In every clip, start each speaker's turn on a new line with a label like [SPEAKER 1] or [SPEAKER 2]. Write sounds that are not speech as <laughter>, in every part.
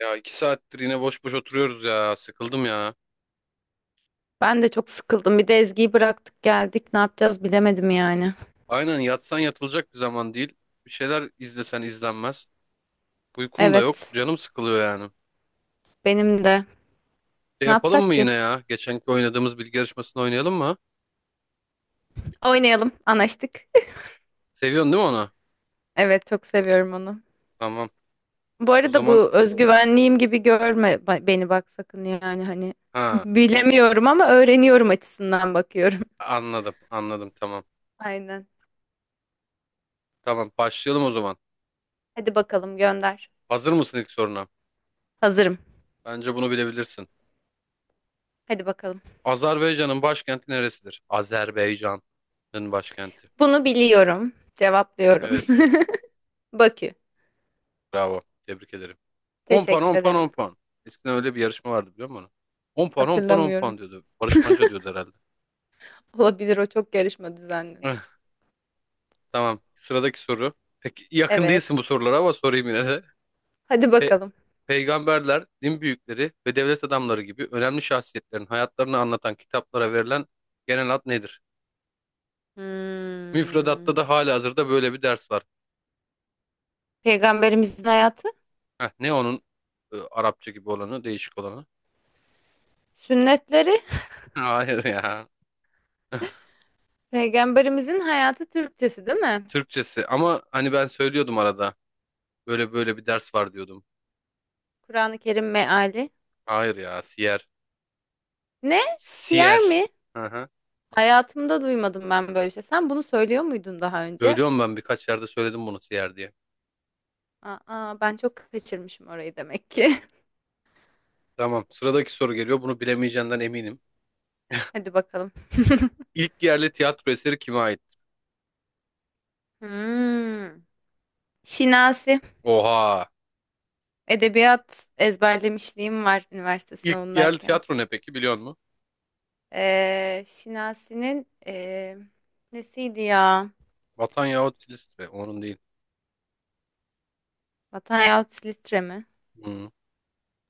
[SPEAKER 1] Ya iki saattir yine boş boş oturuyoruz ya. Sıkıldım ya.
[SPEAKER 2] Ben de çok sıkıldım. Bir de Ezgi'yi bıraktık geldik. Ne yapacağız bilemedim yani.
[SPEAKER 1] Aynen yatsan yatılacak bir zaman değil. Bir şeyler izlesen izlenmez. Uykum da yok.
[SPEAKER 2] Evet,
[SPEAKER 1] Canım sıkılıyor yani.
[SPEAKER 2] benim de.
[SPEAKER 1] Şey
[SPEAKER 2] Ne
[SPEAKER 1] yapalım
[SPEAKER 2] yapsak
[SPEAKER 1] mı
[SPEAKER 2] ki?
[SPEAKER 1] yine ya? Geçenki oynadığımız bilgi yarışmasını oynayalım mı?
[SPEAKER 2] Oynayalım. Anlaştık. <laughs>
[SPEAKER 1] Seviyorsun değil mi onu?
[SPEAKER 2] Evet, çok seviyorum onu.
[SPEAKER 1] Tamam.
[SPEAKER 2] Bu
[SPEAKER 1] O
[SPEAKER 2] arada
[SPEAKER 1] zaman,
[SPEAKER 2] bu özgüvenliğim gibi görme beni bak sakın yani hani
[SPEAKER 1] ha,
[SPEAKER 2] bilemiyorum ama öğreniyorum açısından bakıyorum.
[SPEAKER 1] anladım, anladım, tamam.
[SPEAKER 2] <laughs> Aynen.
[SPEAKER 1] Tamam, başlayalım o zaman.
[SPEAKER 2] Hadi bakalım gönder.
[SPEAKER 1] Hazır mısın ilk soruna?
[SPEAKER 2] Hazırım.
[SPEAKER 1] Bence bunu bilebilirsin.
[SPEAKER 2] Hadi bakalım.
[SPEAKER 1] Azerbaycan'ın başkenti neresidir? Azerbaycan'ın başkenti
[SPEAKER 2] Bunu biliyorum. Cevaplıyorum.
[SPEAKER 1] neresi?
[SPEAKER 2] <laughs> Bakü.
[SPEAKER 1] Bravo. Tebrik ederim. 10 puan, 10
[SPEAKER 2] Teşekkür
[SPEAKER 1] puan, 10
[SPEAKER 2] ederim.
[SPEAKER 1] puan. Eskiden öyle bir yarışma vardı, biliyor musun? 10 puan, 10 puan, 10
[SPEAKER 2] Hatırlamıyorum.
[SPEAKER 1] puan diyordu. Barış Manço diyordu herhalde.
[SPEAKER 2] Olabilir, o çok yarışma
[SPEAKER 1] Eh,
[SPEAKER 2] düzenledi.
[SPEAKER 1] Tamam. Sıradaki soru. Peki yakın değilsin bu
[SPEAKER 2] Evet.
[SPEAKER 1] sorulara ama sorayım yine de.
[SPEAKER 2] Hadi
[SPEAKER 1] Pe-
[SPEAKER 2] bakalım.
[SPEAKER 1] Peygamberler, din büyükleri ve devlet adamları gibi önemli şahsiyetlerin hayatlarını anlatan kitaplara verilen genel ad nedir? Müfredatta
[SPEAKER 2] Hmm.
[SPEAKER 1] da halihazırda böyle bir ders var.
[SPEAKER 2] Peygamberimizin hayatı,
[SPEAKER 1] Heh, ne onun Arapça gibi olanı, değişik olanı?
[SPEAKER 2] sünnetleri,
[SPEAKER 1] <laughs> Hayır ya.
[SPEAKER 2] peygamberimizin hayatı Türkçesi değil mi?
[SPEAKER 1] Türkçesi ama hani ben söylüyordum arada. Böyle böyle bir ders var diyordum.
[SPEAKER 2] Kur'an-ı Kerim meali.
[SPEAKER 1] Hayır ya, siyer.
[SPEAKER 2] Ne? Siyer
[SPEAKER 1] Siyer.
[SPEAKER 2] mi?
[SPEAKER 1] Hı hı.
[SPEAKER 2] Hayatımda duymadım ben böyle bir şey. Sen bunu söylüyor muydun daha önce?
[SPEAKER 1] Söylüyorum, ben birkaç yerde söyledim bunu siyer diye.
[SPEAKER 2] Aa, ben çok kaçırmışım orayı demek ki.
[SPEAKER 1] Tamam, sıradaki soru geliyor. Bunu bilemeyeceğinden eminim.
[SPEAKER 2] <laughs> Hadi bakalım. <laughs>
[SPEAKER 1] İlk yerli tiyatro eseri kime ait?
[SPEAKER 2] Hmm. Şinasi.
[SPEAKER 1] Oha.
[SPEAKER 2] Edebiyat ezberlemişliğim var üniversite
[SPEAKER 1] İlk yerli
[SPEAKER 2] sınavındayken.
[SPEAKER 1] tiyatro ne peki, biliyor musun?
[SPEAKER 2] Şinasi'nin nesiydi ya?
[SPEAKER 1] Vatan yahut Filistre. Onun değil.
[SPEAKER 2] Vatan yahut Silistre mi?
[SPEAKER 1] Hı.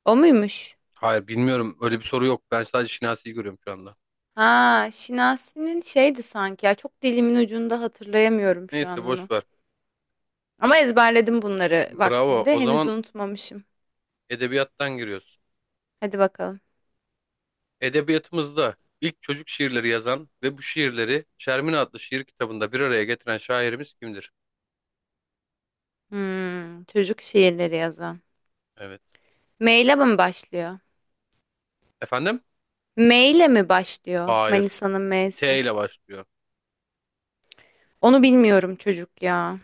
[SPEAKER 2] O muymuş?
[SPEAKER 1] Hayır, bilmiyorum. Öyle bir soru yok. Ben sadece Şinasi'yi görüyorum şu anda.
[SPEAKER 2] Ha, Şinasi'nin şeydi sanki ya. Çok dilimin ucunda, hatırlayamıyorum şu
[SPEAKER 1] Neyse,
[SPEAKER 2] an
[SPEAKER 1] boş
[SPEAKER 2] onu.
[SPEAKER 1] ver.
[SPEAKER 2] Ama ezberledim bunları
[SPEAKER 1] Bravo.
[SPEAKER 2] vaktinde.
[SPEAKER 1] O
[SPEAKER 2] Henüz
[SPEAKER 1] zaman
[SPEAKER 2] unutmamışım.
[SPEAKER 1] edebiyattan giriyoruz.
[SPEAKER 2] Hadi bakalım.
[SPEAKER 1] Edebiyatımızda ilk çocuk şiirleri yazan ve bu şiirleri Şermin adlı şiir kitabında bir araya getiren şairimiz kimdir?
[SPEAKER 2] Hmm, çocuk şiirleri yazan.
[SPEAKER 1] Evet.
[SPEAKER 2] M ile mi başlıyor?
[SPEAKER 1] Efendim?
[SPEAKER 2] M ile mi başlıyor?
[SPEAKER 1] Hayır.
[SPEAKER 2] Manisa'nın
[SPEAKER 1] T
[SPEAKER 2] M'si.
[SPEAKER 1] ile başlıyor.
[SPEAKER 2] Onu bilmiyorum çocuk ya.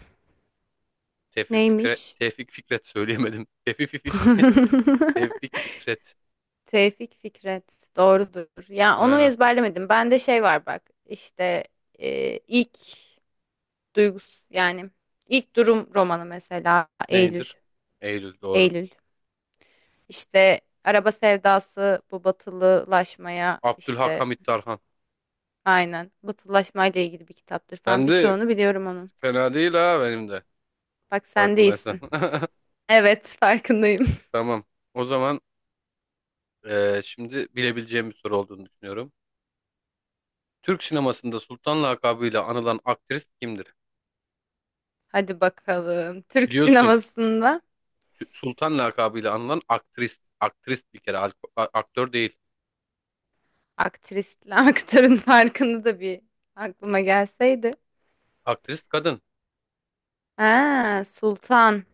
[SPEAKER 1] Tevfik Fikret,
[SPEAKER 2] Neymiş?
[SPEAKER 1] Tevfik Fikret söyleyemedim. <laughs>
[SPEAKER 2] <laughs>
[SPEAKER 1] Tevfik Fikret.
[SPEAKER 2] Tevfik Fikret. Doğrudur. Ya onu
[SPEAKER 1] Aynen.
[SPEAKER 2] ezberlemedim. Bende şey var bak. İşte ilk duygus yani ilk durum romanı mesela Eylül.
[SPEAKER 1] Neydir? Eylül doğru.
[SPEAKER 2] Eylül. İşte araba sevdası, bu batılılaşmaya,
[SPEAKER 1] Abdülhak
[SPEAKER 2] işte
[SPEAKER 1] Hamit Tarhan.
[SPEAKER 2] aynen batılılaşmayla ilgili bir kitaptır falan,
[SPEAKER 1] Ben de
[SPEAKER 2] birçoğunu biliyorum onun.
[SPEAKER 1] fena değil ha, benim de.
[SPEAKER 2] Bak, sen
[SPEAKER 1] Farkındaysan.
[SPEAKER 2] değilsin.
[SPEAKER 1] <laughs>
[SPEAKER 2] Evet, farkındayım.
[SPEAKER 1] Tamam. O zaman şimdi bilebileceğim bir soru olduğunu düşünüyorum. Türk sinemasında Sultan lakabıyla anılan aktrist kimdir?
[SPEAKER 2] <laughs> Hadi bakalım. Türk
[SPEAKER 1] Biliyorsun.
[SPEAKER 2] sinemasında
[SPEAKER 1] Sultan lakabıyla anılan aktrist. Aktrist bir kere. Aktör değil.
[SPEAKER 2] aktrisle <laughs> aktörün farkını da bir aklıma gelseydi.
[SPEAKER 1] Aktrist kadın.
[SPEAKER 2] Ha, Sultan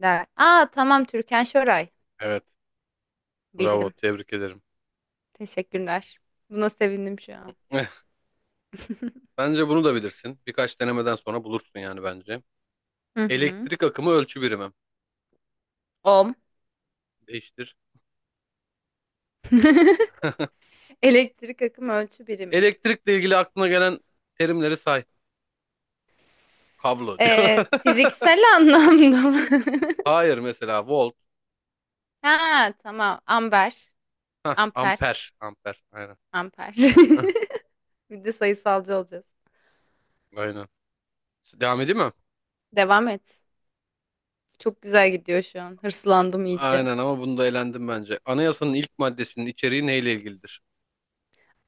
[SPEAKER 2] der. Aa, tamam, Türkan Şoray.
[SPEAKER 1] Evet. Bravo,
[SPEAKER 2] Bildim.
[SPEAKER 1] tebrik ederim.
[SPEAKER 2] Teşekkürler. Buna sevindim şu an.
[SPEAKER 1] Eh,
[SPEAKER 2] <laughs>
[SPEAKER 1] Bence bunu da bilirsin. Birkaç denemeden sonra bulursun yani bence.
[SPEAKER 2] Hı hı.
[SPEAKER 1] Elektrik akımı ölçü birimi.
[SPEAKER 2] Ohm.
[SPEAKER 1] Değiştir.
[SPEAKER 2] <laughs> Elektrik akım ölçü birimi.
[SPEAKER 1] Elektrikle ilgili aklına gelen terimleri say. Kablo diyor.
[SPEAKER 2] Fiziksel anlamda mı? <laughs>
[SPEAKER 1] <laughs> Hayır, mesela volt.
[SPEAKER 2] Ha tamam. Amber.
[SPEAKER 1] Hah,
[SPEAKER 2] Amper.
[SPEAKER 1] amper. Amper. Aynen.
[SPEAKER 2] Amper. <laughs>
[SPEAKER 1] Hah,
[SPEAKER 2] Bir de sayısalcı olacağız.
[SPEAKER 1] aynen. Devam edeyim mi?
[SPEAKER 2] Devam et. Çok güzel gidiyor şu an. Hırslandım iyice.
[SPEAKER 1] Aynen ama bunda elendim bence. Anayasanın ilk maddesinin içeriği neyle ilgilidir?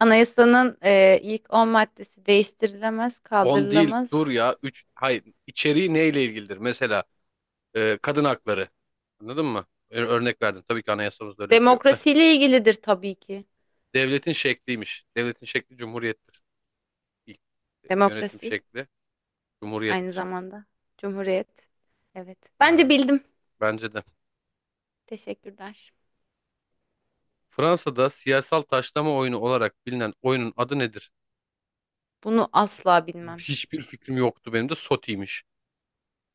[SPEAKER 2] Anayasanın ilk 10 maddesi değiştirilemez,
[SPEAKER 1] On değil,
[SPEAKER 2] kaldırılamaz.
[SPEAKER 1] dur ya, 3. Hayır, içeriği neyle ilgilidir? Mesela kadın hakları. Anladın mı? Örnek verdim. Tabii ki anayasamızda öyle bir şey yok da.
[SPEAKER 2] Demokrasiyle ilgilidir tabii ki.
[SPEAKER 1] Devletin şekliymiş. Devletin şekli cumhuriyettir. İlk yönetim
[SPEAKER 2] Demokrasi
[SPEAKER 1] şekli
[SPEAKER 2] aynı
[SPEAKER 1] cumhuriyettir.
[SPEAKER 2] zamanda. Cumhuriyet. Evet. Bence
[SPEAKER 1] Ha,
[SPEAKER 2] bildim.
[SPEAKER 1] bence de.
[SPEAKER 2] Teşekkürler.
[SPEAKER 1] Fransa'da siyasal taşlama oyunu olarak bilinen oyunun adı nedir?
[SPEAKER 2] Bunu asla bilmem.
[SPEAKER 1] Hiçbir fikrim yoktu, benim de SOTI'ymiş.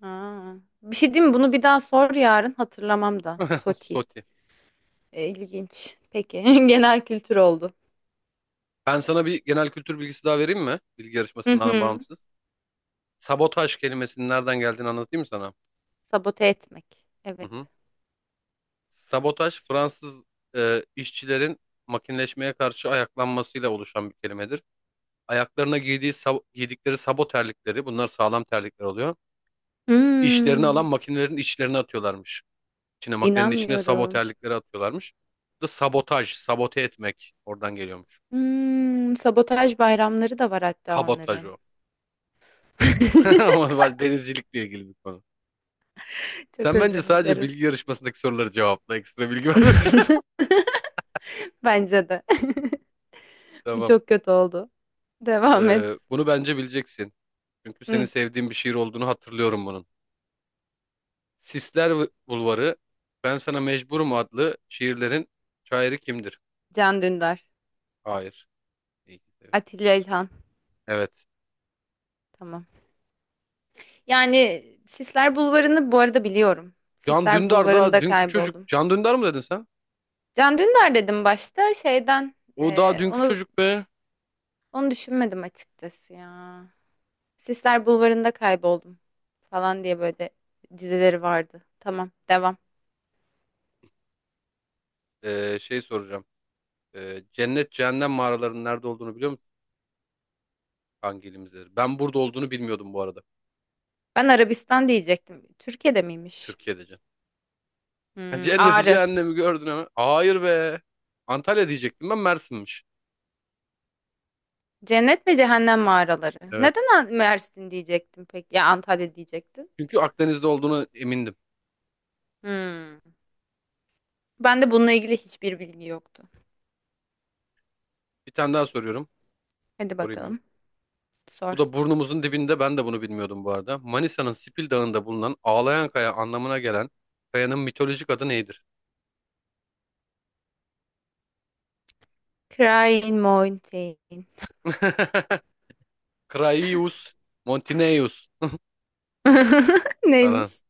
[SPEAKER 2] Aa, bir şey diyeyim mi? Bunu bir daha sor yarın, hatırlamam da.
[SPEAKER 1] <laughs>
[SPEAKER 2] Soti.
[SPEAKER 1] SOTI.
[SPEAKER 2] E, İlginç. Peki. <laughs> Genel kültür oldu.
[SPEAKER 1] Ben sana bir genel kültür bilgisi daha vereyim mi? Bilgi
[SPEAKER 2] Hı
[SPEAKER 1] yarışmasından
[SPEAKER 2] hı.
[SPEAKER 1] bağımsız. Sabotaj kelimesinin nereden geldiğini anlatayım mı sana?
[SPEAKER 2] Sabote etmek.
[SPEAKER 1] Hı
[SPEAKER 2] Evet.
[SPEAKER 1] hı. Sabotaj Fransız işçilerin makineleşmeye karşı ayaklanmasıyla oluşan bir kelimedir. Ayaklarına giydiği giydikleri sabo terlikleri, bunlar sağlam terlikler oluyor. İşlerini alan
[SPEAKER 2] Hmm,
[SPEAKER 1] makinelerin içlerine atıyorlarmış. İçine, makinenin içine sabo
[SPEAKER 2] inanmıyorum.
[SPEAKER 1] terlikleri atıyorlarmış. Bu da sabotaj, sabote etmek oradan geliyormuş.
[SPEAKER 2] Hmm, sabotaj bayramları da var hatta
[SPEAKER 1] Kabotaj
[SPEAKER 2] onların.
[SPEAKER 1] o.
[SPEAKER 2] <laughs>
[SPEAKER 1] <laughs> Ama denizcilikle ilgili bir konu.
[SPEAKER 2] Çok
[SPEAKER 1] Sen bence
[SPEAKER 2] özür
[SPEAKER 1] sadece
[SPEAKER 2] dilerim.
[SPEAKER 1] bilgi yarışmasındaki soruları cevapla. Ekstra bilgi var.
[SPEAKER 2] <laughs> Bence de.
[SPEAKER 1] <laughs>
[SPEAKER 2] <laughs> Bu
[SPEAKER 1] Tamam.
[SPEAKER 2] çok kötü oldu. Devam et.
[SPEAKER 1] Bunu bence bileceksin. Çünkü senin
[SPEAKER 2] Hı,
[SPEAKER 1] sevdiğin bir şiir olduğunu hatırlıyorum bunun. Sisler Bulvarı, Ben Sana Mecburum adlı şiirlerin şairi kimdir?
[SPEAKER 2] Can Dündar.
[SPEAKER 1] Hayır. İyi ki seviyorsun.
[SPEAKER 2] Atilla İlhan.
[SPEAKER 1] Evet.
[SPEAKER 2] Tamam. Yani Sisler Bulvarı'nı bu arada biliyorum.
[SPEAKER 1] Can
[SPEAKER 2] Sisler
[SPEAKER 1] Dündar daha
[SPEAKER 2] Bulvarı'nda
[SPEAKER 1] dünkü çocuk.
[SPEAKER 2] kayboldum.
[SPEAKER 1] Can Dündar mı dedin sen?
[SPEAKER 2] Can Dündar dedim başta şeyden,
[SPEAKER 1] O daha
[SPEAKER 2] eee,
[SPEAKER 1] dünkü
[SPEAKER 2] onu
[SPEAKER 1] çocuk be.
[SPEAKER 2] onu düşünmedim açıkçası ya. Sisler Bulvarı'nda kayboldum falan diye böyle dizileri vardı. Tamam, devam.
[SPEAKER 1] Şey soracağım. Cennet cehennem mağaralarının nerede olduğunu biliyor musun? Hangi ilimizde? Ben burada olduğunu bilmiyordum bu arada.
[SPEAKER 2] Ben Arabistan diyecektim. Türkiye'de miymiş?
[SPEAKER 1] Türkiye'de can. <laughs>
[SPEAKER 2] Hmm,
[SPEAKER 1] Cenneti
[SPEAKER 2] Ağrı.
[SPEAKER 1] cehennemi gördün hemen. Hayır be. Antalya diyecektim, ben Mersin'miş.
[SPEAKER 2] Cennet ve Cehennem mağaraları.
[SPEAKER 1] Evet.
[SPEAKER 2] Neden Mersin diyecektim peki? Ya Antalya diyecektin.
[SPEAKER 1] Çünkü Akdeniz'de olduğunu emindim.
[SPEAKER 2] Hmm. Ben de bununla ilgili hiçbir bilgi yoktu.
[SPEAKER 1] Bir tane daha soruyorum.
[SPEAKER 2] Hadi
[SPEAKER 1] Sorayım mı?
[SPEAKER 2] bakalım.
[SPEAKER 1] Bu
[SPEAKER 2] Sor.
[SPEAKER 1] da burnumuzun dibinde, ben de bunu bilmiyordum bu arada. Manisa'nın Sipil Dağı'nda bulunan ağlayan kaya anlamına gelen kayanın mitolojik adı nedir?
[SPEAKER 2] Crying Mountain.
[SPEAKER 1] <laughs> Kraius, Montineus
[SPEAKER 2] <laughs>
[SPEAKER 1] falan.
[SPEAKER 2] Neymiş?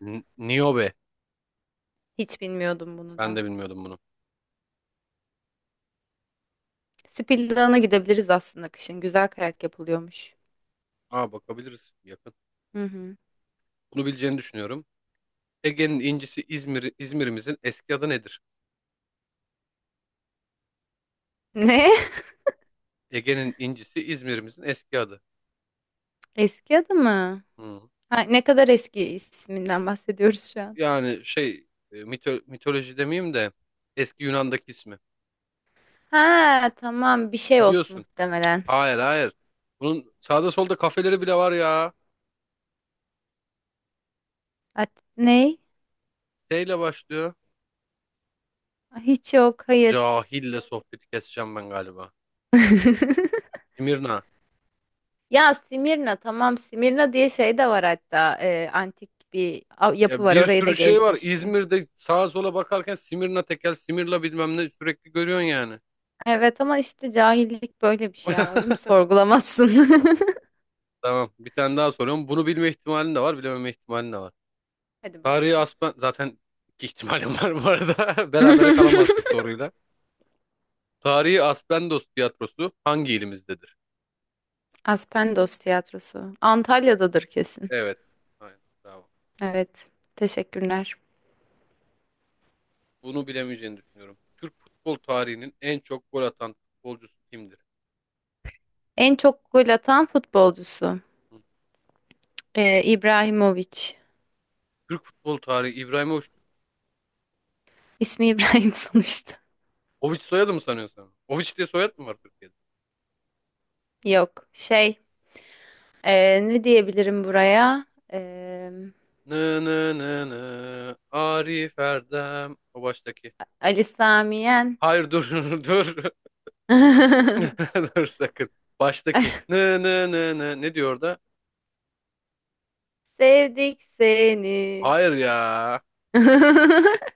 [SPEAKER 1] Niobe.
[SPEAKER 2] Hiç bilmiyordum bunu
[SPEAKER 1] Ben
[SPEAKER 2] da.
[SPEAKER 1] de bilmiyordum bunu.
[SPEAKER 2] Spildan'a gidebiliriz aslında kışın. Güzel kayak yapılıyormuş.
[SPEAKER 1] Aa, bakabiliriz, yakın.
[SPEAKER 2] Hı hı.
[SPEAKER 1] Bunu bileceğini düşünüyorum. Ege'nin incisi İzmir, İzmir'imizin eski adı nedir?
[SPEAKER 2] Ne?
[SPEAKER 1] Ege'nin incisi İzmir'imizin eski adı.
[SPEAKER 2] <laughs> Eski adı mı?
[SPEAKER 1] Hmm.
[SPEAKER 2] Ha, ne kadar eski isminden bahsediyoruz şu an.
[SPEAKER 1] Yani şey, mitoloji demeyeyim de eski Yunan'daki ismi.
[SPEAKER 2] Ha tamam, bir şey olsun
[SPEAKER 1] Biliyorsun.
[SPEAKER 2] muhtemelen.
[SPEAKER 1] Hayır, hayır. Bunun sağda solda kafeleri bile var ya.
[SPEAKER 2] At ne?
[SPEAKER 1] S ile başlıyor.
[SPEAKER 2] Hiç yok, hayır.
[SPEAKER 1] Cahille sohbeti keseceğim ben galiba.
[SPEAKER 2] <laughs>
[SPEAKER 1] Simirna.
[SPEAKER 2] Ya Simirna, tamam, Simirna diye şey de var hatta, antik bir yapı
[SPEAKER 1] Ya
[SPEAKER 2] var,
[SPEAKER 1] bir
[SPEAKER 2] orayı da
[SPEAKER 1] sürü şey var.
[SPEAKER 2] gezmiştim.
[SPEAKER 1] İzmir'de sağa sola bakarken Simirna tekel, Simirla bilmem ne sürekli görüyorsun yani.
[SPEAKER 2] Evet ama işte cahillik böyle bir şey, anladım,
[SPEAKER 1] <laughs>
[SPEAKER 2] sorgulamazsın.
[SPEAKER 1] Tamam. Bir tane daha soruyorum. Bunu bilme ihtimalin de var, bilememe ihtimalin de var.
[SPEAKER 2] <laughs> Hadi
[SPEAKER 1] Tarihi
[SPEAKER 2] bakalım.
[SPEAKER 1] Aspen... Zaten iki ihtimalim var bu arada. <laughs> Berabere
[SPEAKER 2] <laughs>
[SPEAKER 1] kalamazsın soruyla. Tarihi Aspendos tiyatrosu hangi ilimizdedir?
[SPEAKER 2] Aspendos Tiyatrosu. Antalya'dadır kesin.
[SPEAKER 1] Evet. Aynen. Bravo.
[SPEAKER 2] Evet. Teşekkürler.
[SPEAKER 1] Bunu bilemeyeceğini düşünüyorum. Türk futbol tarihinin en çok gol atan futbolcusu kimdir?
[SPEAKER 2] En çok gol atan futbolcusu.
[SPEAKER 1] Hı.
[SPEAKER 2] İbrahimovic.
[SPEAKER 1] Türk futbol tarihi İbrahimovic.
[SPEAKER 2] İsmi İbrahim <laughs> sonuçta.
[SPEAKER 1] Oviç soyadı mı sanıyorsun? Sen? Oviç diye soyad mı var Türkiye'de?
[SPEAKER 2] Yok. Şey. Ne diyebilirim buraya? Ee,
[SPEAKER 1] Nı nı nı nı. Arif Erdem. O baştaki.
[SPEAKER 2] Ali Sami Yen.
[SPEAKER 1] Hayır, dur, <laughs> dur.
[SPEAKER 2] <laughs>
[SPEAKER 1] <laughs> Dur sakın. Baştaki. Nı nı nı nı. Ne diyor orada?
[SPEAKER 2] Sevdik seni.
[SPEAKER 1] Hayır ya.
[SPEAKER 2] <laughs>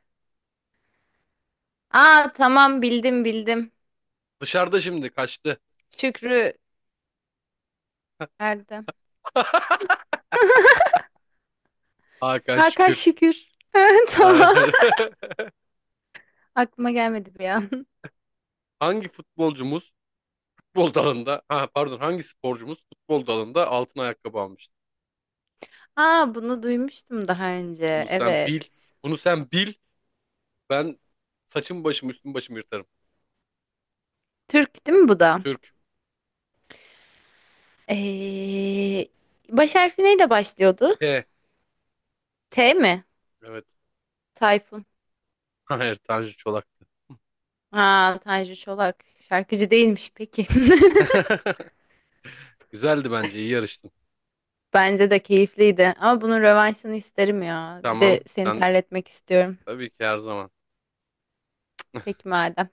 [SPEAKER 2] Aa tamam, bildim bildim.
[SPEAKER 1] Dışarıda şimdi kaçtı.
[SPEAKER 2] Şükrü Erdem.
[SPEAKER 1] <laughs> Hakan
[SPEAKER 2] Hakan
[SPEAKER 1] Şükür.
[SPEAKER 2] Şükür. <laughs> Tamam.
[SPEAKER 1] Aynen.
[SPEAKER 2] Aklıma gelmedi bir an.
[SPEAKER 1] <laughs> Hangi futbolcumuz futbol dalında, ha pardon, hangi sporcumuz futbol dalında altın ayakkabı almıştı?
[SPEAKER 2] Aa, bunu duymuştum daha önce.
[SPEAKER 1] Bunu sen
[SPEAKER 2] Evet.
[SPEAKER 1] bil. Bunu sen bil. Ben saçım başım, üstüm başım yırtarım.
[SPEAKER 2] Türk değil mi bu da?
[SPEAKER 1] Türk.
[SPEAKER 2] Ee, baş harfi neyle başlıyordu?
[SPEAKER 1] T.
[SPEAKER 2] T mi?
[SPEAKER 1] Evet.
[SPEAKER 2] Tayfun.
[SPEAKER 1] <laughs> Hayır, Tanju Çolak'tı.
[SPEAKER 2] Aa, Tanju Çolak. Şarkıcı değilmiş peki.
[SPEAKER 1] <laughs> Güzeldi bence. İyi yarıştın.
[SPEAKER 2] <laughs> Bence de keyifliydi. Ama bunun rövanşını isterim ya. Bir de
[SPEAKER 1] Tamam.
[SPEAKER 2] seni
[SPEAKER 1] Sen,
[SPEAKER 2] terletmek istiyorum.
[SPEAKER 1] tabii ki, her zaman.
[SPEAKER 2] Peki madem.